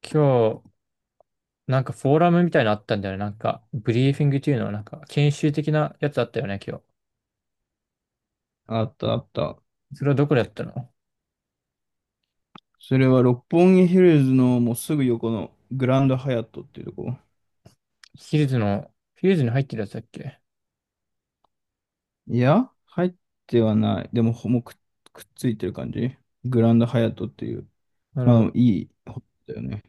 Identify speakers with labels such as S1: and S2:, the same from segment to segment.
S1: 今日、なんかフォーラムみたいなのあったんだよね。なんか、ブリーフィングっていうの、はなんか、研修的なやつあったよね、今日。
S2: あったあった。
S1: それはどこでやったの？
S2: それは六本木ヒルズのもうすぐ横のグランドハヤットっていうとこ。
S1: ヒルズの、ヒルズに入ってるやつだっけ？
S2: いや、入ってはない。でも、ほもうく、くっついてる感じ。グランドハヤットっていう。
S1: なるほ
S2: まあ、
S1: ど。
S2: いいホテルだよね。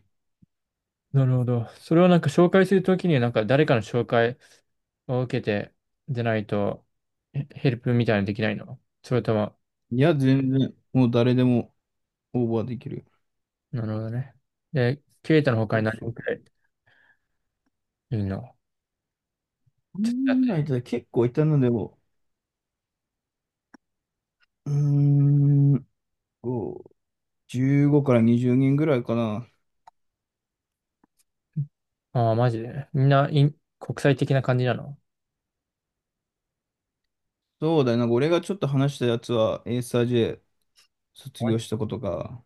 S1: なるほど。それをなんか紹介するときに、なんか誰かの紹介を受けて、でないと、ヘルプみたいなのできないの？それとも、
S2: いや、全然、もう誰でもオーバーできる。
S1: なるほどね。で、ケイタの他
S2: そう
S1: に何
S2: そ
S1: 人
S2: う。
S1: くらいいるの？
S2: こ
S1: ちょっとやっ
S2: んなん
S1: て。
S2: いたら結構いたのでも、うーん、こう15から20人ぐらいかな。
S1: ああ、マジで。みんな、国際的な感じなの？
S2: そうだよな。俺がちょっと話したやつは、エーサー J 卒業し
S1: あ
S2: たことか。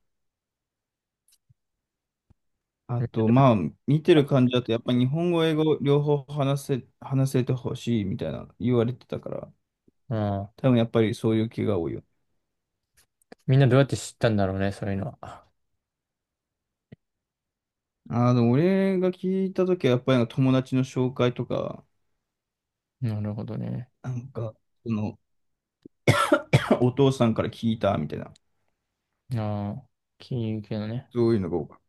S2: あと、まあ、見てる感じだと、やっぱ日本語、英語、両方話せ、話せてほしいみたいな言われてたから、
S1: あー。
S2: 多分やっぱりそういう気が多いよ。
S1: みんなどうやって知ったんだろうね、そういうのは。
S2: ああ、でも俺が聞いたときは、やっぱりなんか友達の紹介とか、
S1: なるほどね。
S2: なんか、その、お父さんから聞いたみたいな、
S1: ああ、金融系のね。
S2: そういうのが多かっ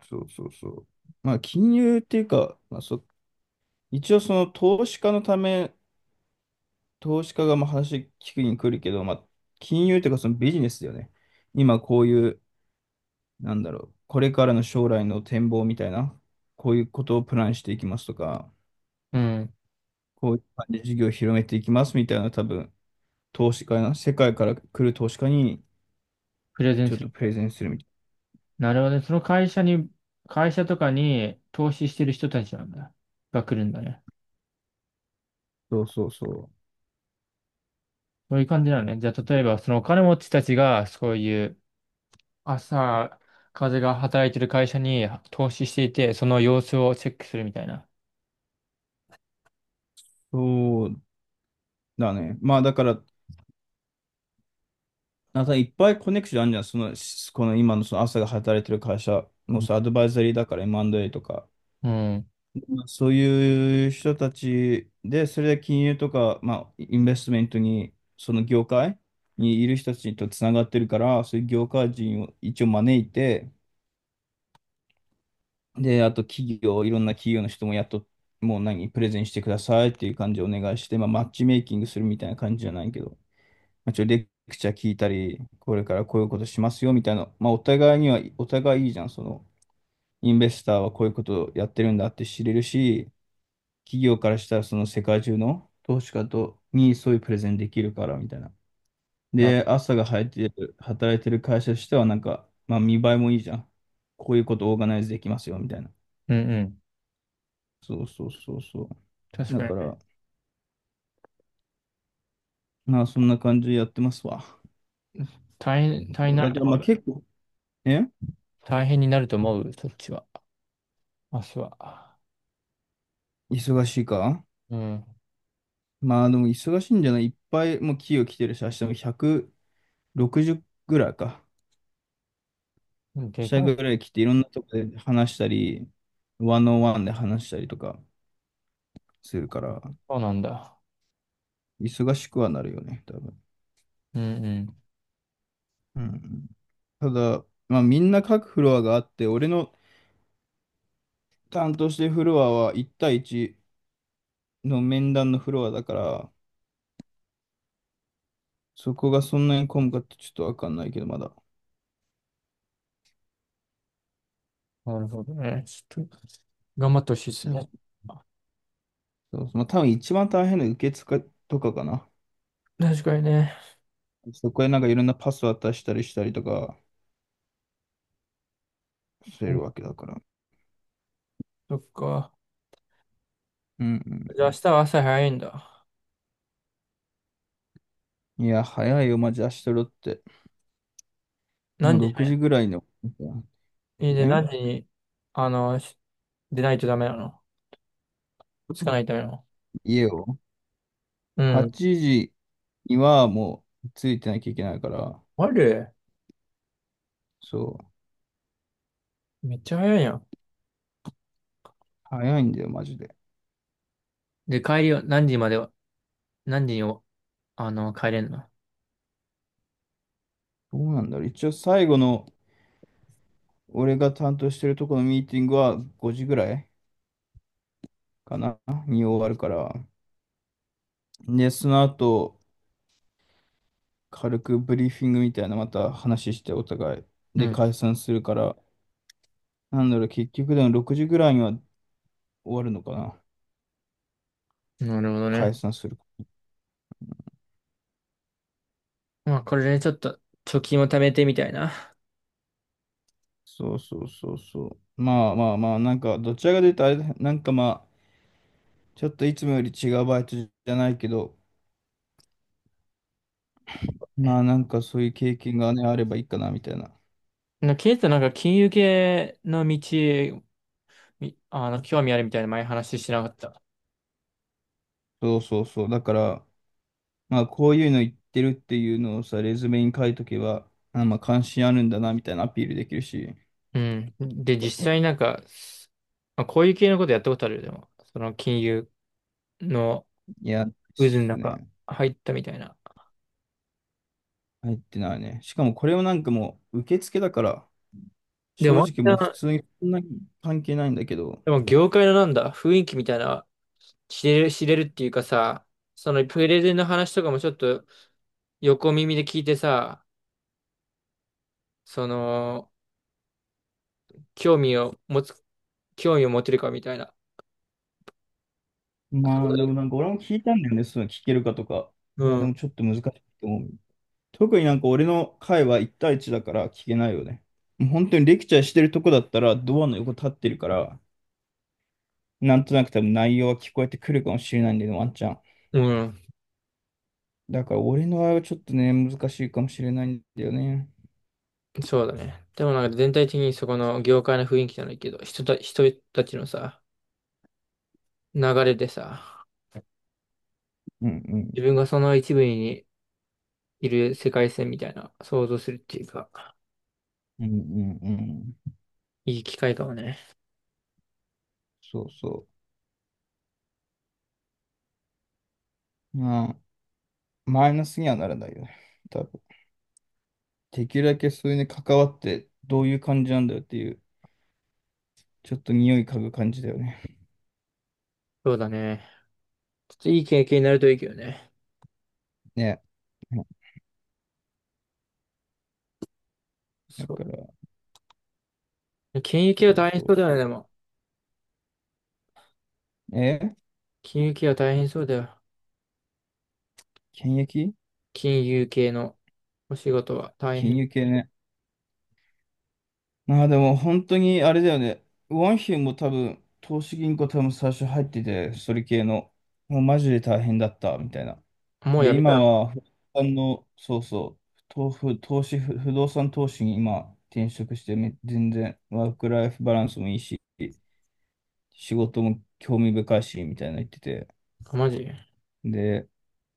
S2: た。そうそうそう。まあ、金融っていうか、一応その投資家のため、投資家がまあ話聞くに来るけど、まあ、金融っていうかそのビジネスだよね。今こういう、なんだろう、これからの将来の展望みたいな、こういうことをプランしていきますとか、
S1: うん。
S2: こういう感じで事業を広めていきますみたいな、多分、投資家な、世界から来る投資家に
S1: プレゼン
S2: ちょっ
S1: する
S2: と
S1: っ
S2: プレ
S1: て。
S2: ゼンするみたい
S1: なるほどね。会社とかに投資してる人たちなんだ。が来るんだね。
S2: な。そうそうそう。
S1: そういう感じなのね。じゃあ、例えば、そのお金持ちたちが、そういう朝、風が働いてる会社に投資していて、その様子をチェックするみたいな。
S2: そうだね。まあだから、なんかいっぱいコネクションあるじゃん。その、この今のその朝が働いてる会社も
S1: うん。
S2: さ、アドバイザリーだから M&A とか、
S1: うん。
S2: まあそういう人たちで、それで金融とか、まあ、インベストメントに、その業界にいる人たちとつながってるから、そういう業界人を一応招いて、で、あと企業、いろんな企業の人もやっと、もう何、プレゼンしてくださいっていう感じでお願いして、まあ、マッチメイキングするみたいな感じじゃないけど、まあ、レクチャー聞いたり、これからこういうことしますよみたいな、まあ、お互いいいじゃん、その、インベスターはこういうことをやってるんだって知れるし、企業からしたらその世界中の投資家とにそういうプレゼンできるからみたいな。
S1: な、
S2: で、朝が入ってる、働いてる会社としてはなんか、まあ見栄えもいいじゃん。こういうことオーガナイズできますよみたいな。
S1: うんうん。
S2: そうそうそうそう。
S1: 確
S2: だ
S1: か
S2: か
S1: に。
S2: ら、まあそんな感じでやってますわ。
S1: 大変、大変
S2: そう
S1: にな
S2: だ
S1: る
S2: か
S1: と
S2: らまあ
S1: 思う。
S2: 結構、え
S1: 大変になると思う、そっちは。明日は。
S2: 忙しいか
S1: うん。
S2: まあでも忙しいんじゃないいっぱいもう企業来てるし、明日も160ぐらいか。
S1: うん、で
S2: 社
S1: か
S2: ぐ
S1: い。
S2: らい来ていろんなとこで話したり、ワンオンワンで話したりとかするから。
S1: そうなんだ。
S2: 忙しくはなるよね、多分。
S1: うんうん。
S2: うん。ただ、まあ、みんな各フロアがあって、俺の担当してるフロアは1対1の面談のフロアだから、そこがそんなに混むかってちょっとわかんないけど、まだ。
S1: なるほどね。ちょっと、頑張ってほしいです
S2: 多分、
S1: ね。
S2: そうまあ、多分一番大変な受付とかかな。
S1: 確かにね。
S2: そこへなんかいろんなパス渡したりしたりとかす
S1: う
S2: る
S1: ん、
S2: わけだから。
S1: そっか。
S2: うん
S1: じ
S2: う
S1: ゃ
S2: ん
S1: あ明
S2: う
S1: 日は朝早いんだ。
S2: ん。いや、早いよ、マジ明日ロって。もう
S1: 何時
S2: 6時ぐらいの。
S1: に、いいね、何
S2: え
S1: 時に、あの、し出ないとダメなの？つかないとダメなの？
S2: 家を
S1: うん。
S2: ?8 時にはもうついてなきゃいけないから、
S1: あれ、
S2: そう、
S1: めっちゃ早いやん。
S2: 早いんだよ、マジで。
S1: で、帰りは何時までは、何時にお、帰れんの？
S2: どうなんだろう。一応最後の、俺が担当してるとこのミーティングは5時ぐらいかなに終わるから。で、その後、軽くブリーフィングみたいなまた話してお互い。
S1: う
S2: で、
S1: ん。
S2: 解散するから、なんだろう、結局でも6時ぐらいには終わるのかな。
S1: なるほど
S2: 解
S1: ね。
S2: 散する。
S1: まあ、これでちょっと、貯金を貯めてみたいな。
S2: そうそうそうそう。まあ、なんか、どちらかというとあれだ、なんかまあ、ちょっといつもより違うバイトじゃないけど、まあなんかそういう経験がね、あればいいかなみたいな。
S1: ケイトなんか金融系の道、みあの、興味あるみたいな前話してなかった？
S2: そうそうそう。だから、まあこういうの言ってるっていうのをさ、レズメに書いとけば、あ、まあ関心あるんだなみたいなアピールできるし、
S1: うん。で、実際なんか、まあ、こういう系のことやったことあるよ、でも。その金融の
S2: いや、で
S1: 渦の
S2: す
S1: 中
S2: ね。
S1: 入ったみたいな。
S2: 入ってないね。しかもこれをなんかもう受付だから、
S1: で
S2: 正
S1: も、
S2: 直も
S1: ま
S2: う普
S1: た
S2: 通にそんなに関係ないんだけど、
S1: でも業界のなんだ、雰囲気みたいな、知れるっていうかさ、そのプレゼンの話とかもちょっと横耳で聞いてさ、その、興味を持つ、興味を持てるかみたいな。そ
S2: ま
S1: こ
S2: あでもな
S1: で、
S2: んか俺も聞いたんだよね、そういうの聞けるかとか。
S1: う
S2: いや、で
S1: ん。
S2: もちょっと難しいと思う。特になんか俺の会は1対1だから聞けないよね。もう本当にレクチャーしてるとこだったらドアの横立ってるから、なんとなく多分内容は聞こえてくるかもしれないんだよね、ワンチャン。
S1: うん。
S2: だから俺の場合はちょっとね、難しいかもしれないんだよね。
S1: そうだね。でもなんか全体的にそこの業界の雰囲気じゃないけど、人たちのさ、流れでさ、
S2: うんう
S1: 自
S2: ん。
S1: 分がその一部にいる世界線みたいな想像するっていうか、
S2: うんうんうん。
S1: いい機会かもね。
S2: そうそう。まあ、マイナスにはならないよね。多分。できるだけそういうね、関わってどういう感じなんだよっていう、ちょっと匂い嗅ぐ感じだよね。
S1: そうだね。ちょっといい経験になるといいけどね。
S2: ね。だか
S1: そう。
S2: ら、
S1: 金融系
S2: そ
S1: は
S2: う
S1: 大変
S2: そう
S1: そうだよね、
S2: そ
S1: でも。
S2: う。え
S1: 金融系は大変そうだよ。
S2: 検疫
S1: 金融系のお仕事は大
S2: 金
S1: 変。
S2: 融系ね。まあでも本当にあれだよね。ワンヒュも多分、投資銀行多分最初入ってて、それ系の、もうマジで大変だった、みたいな。
S1: もう
S2: で、
S1: やめた
S2: 今
S1: の？
S2: は、不動産の、そうそう、投不投資、不不動産投資に今転職して全然ワークライフバランスもいいし、仕事も興味深いし、みたいな言ってて。
S1: マジ。
S2: で、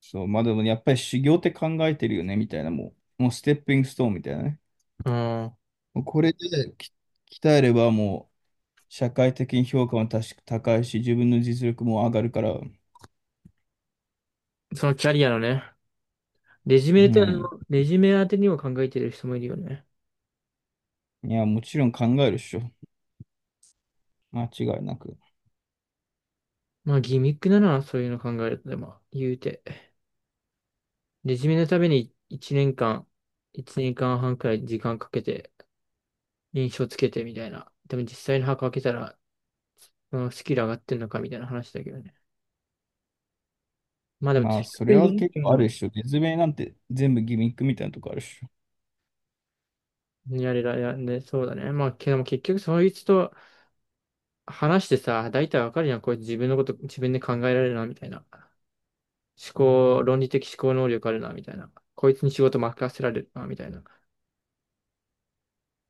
S2: そう、まあでもやっぱり修行って考えてるよね、みたいな、もうステッピングストーンみたいなね。
S1: うん。
S2: もうこれでき鍛えればもう、社会的に評価も確か高いし、自分の実力も上がるから、
S1: そのキャリアのね。レジュ
S2: う
S1: メって
S2: ん。
S1: の、レジュメ当てにも考えてる人もいるよね。
S2: いや、もちろん考えるっしょ。間違いなく。
S1: まあ、ギミックだな、そういうの考えると、でも、言うて。レジュメのために1年間、1年間半くらい時間かけて、印象つけてみたいな。でも実際の箱開けたら、うん、スキル上がってんのかみたいな話だけどね。まあでも、
S2: まあ、
S1: ツイッ
S2: そ
S1: タ
S2: れ
S1: ー
S2: は
S1: にっ
S2: 結
S1: ていう
S2: 構あるっ
S1: の
S2: しょ。説明なんて全部ギミックみたいなとこあるっしょ。
S1: やれらやね、そうだね。まあ、けども結局そいつと話してさ、大体わかるやん。これ自分のこと自分で考えられるな、みたいな。論理的思考能力あるな、みたいな。こいつに仕事任せられるな、みたいな。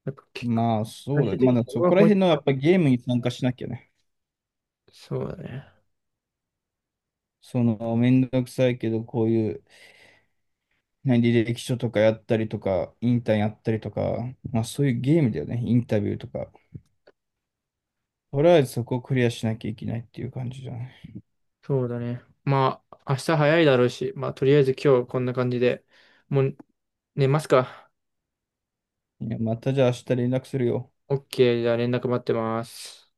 S1: なんか結構、
S2: まあ、そう
S1: 最
S2: だね。
S1: 終的
S2: まだ
S1: にそこ
S2: そ
S1: が
S2: こら
S1: 本質
S2: 辺のや
S1: だも
S2: っ
S1: ん。
S2: ぱゲームに参加しなきゃね。
S1: そうだね。
S2: その、めんどくさいけど、こういう、何履歴書とかやったりとか、インターンやったりとか、まあそういうゲームだよね。インタビューとか。とりあえずそこをクリアしなきゃいけないっていう感じじゃない。
S1: そうだね。まあ、明日早いだろうし、まあ、とりあえず今日こんな感じで、もう寝ますか。
S2: いや、またじゃあ明日連絡するよ。
S1: OK、じゃあ連絡待ってます。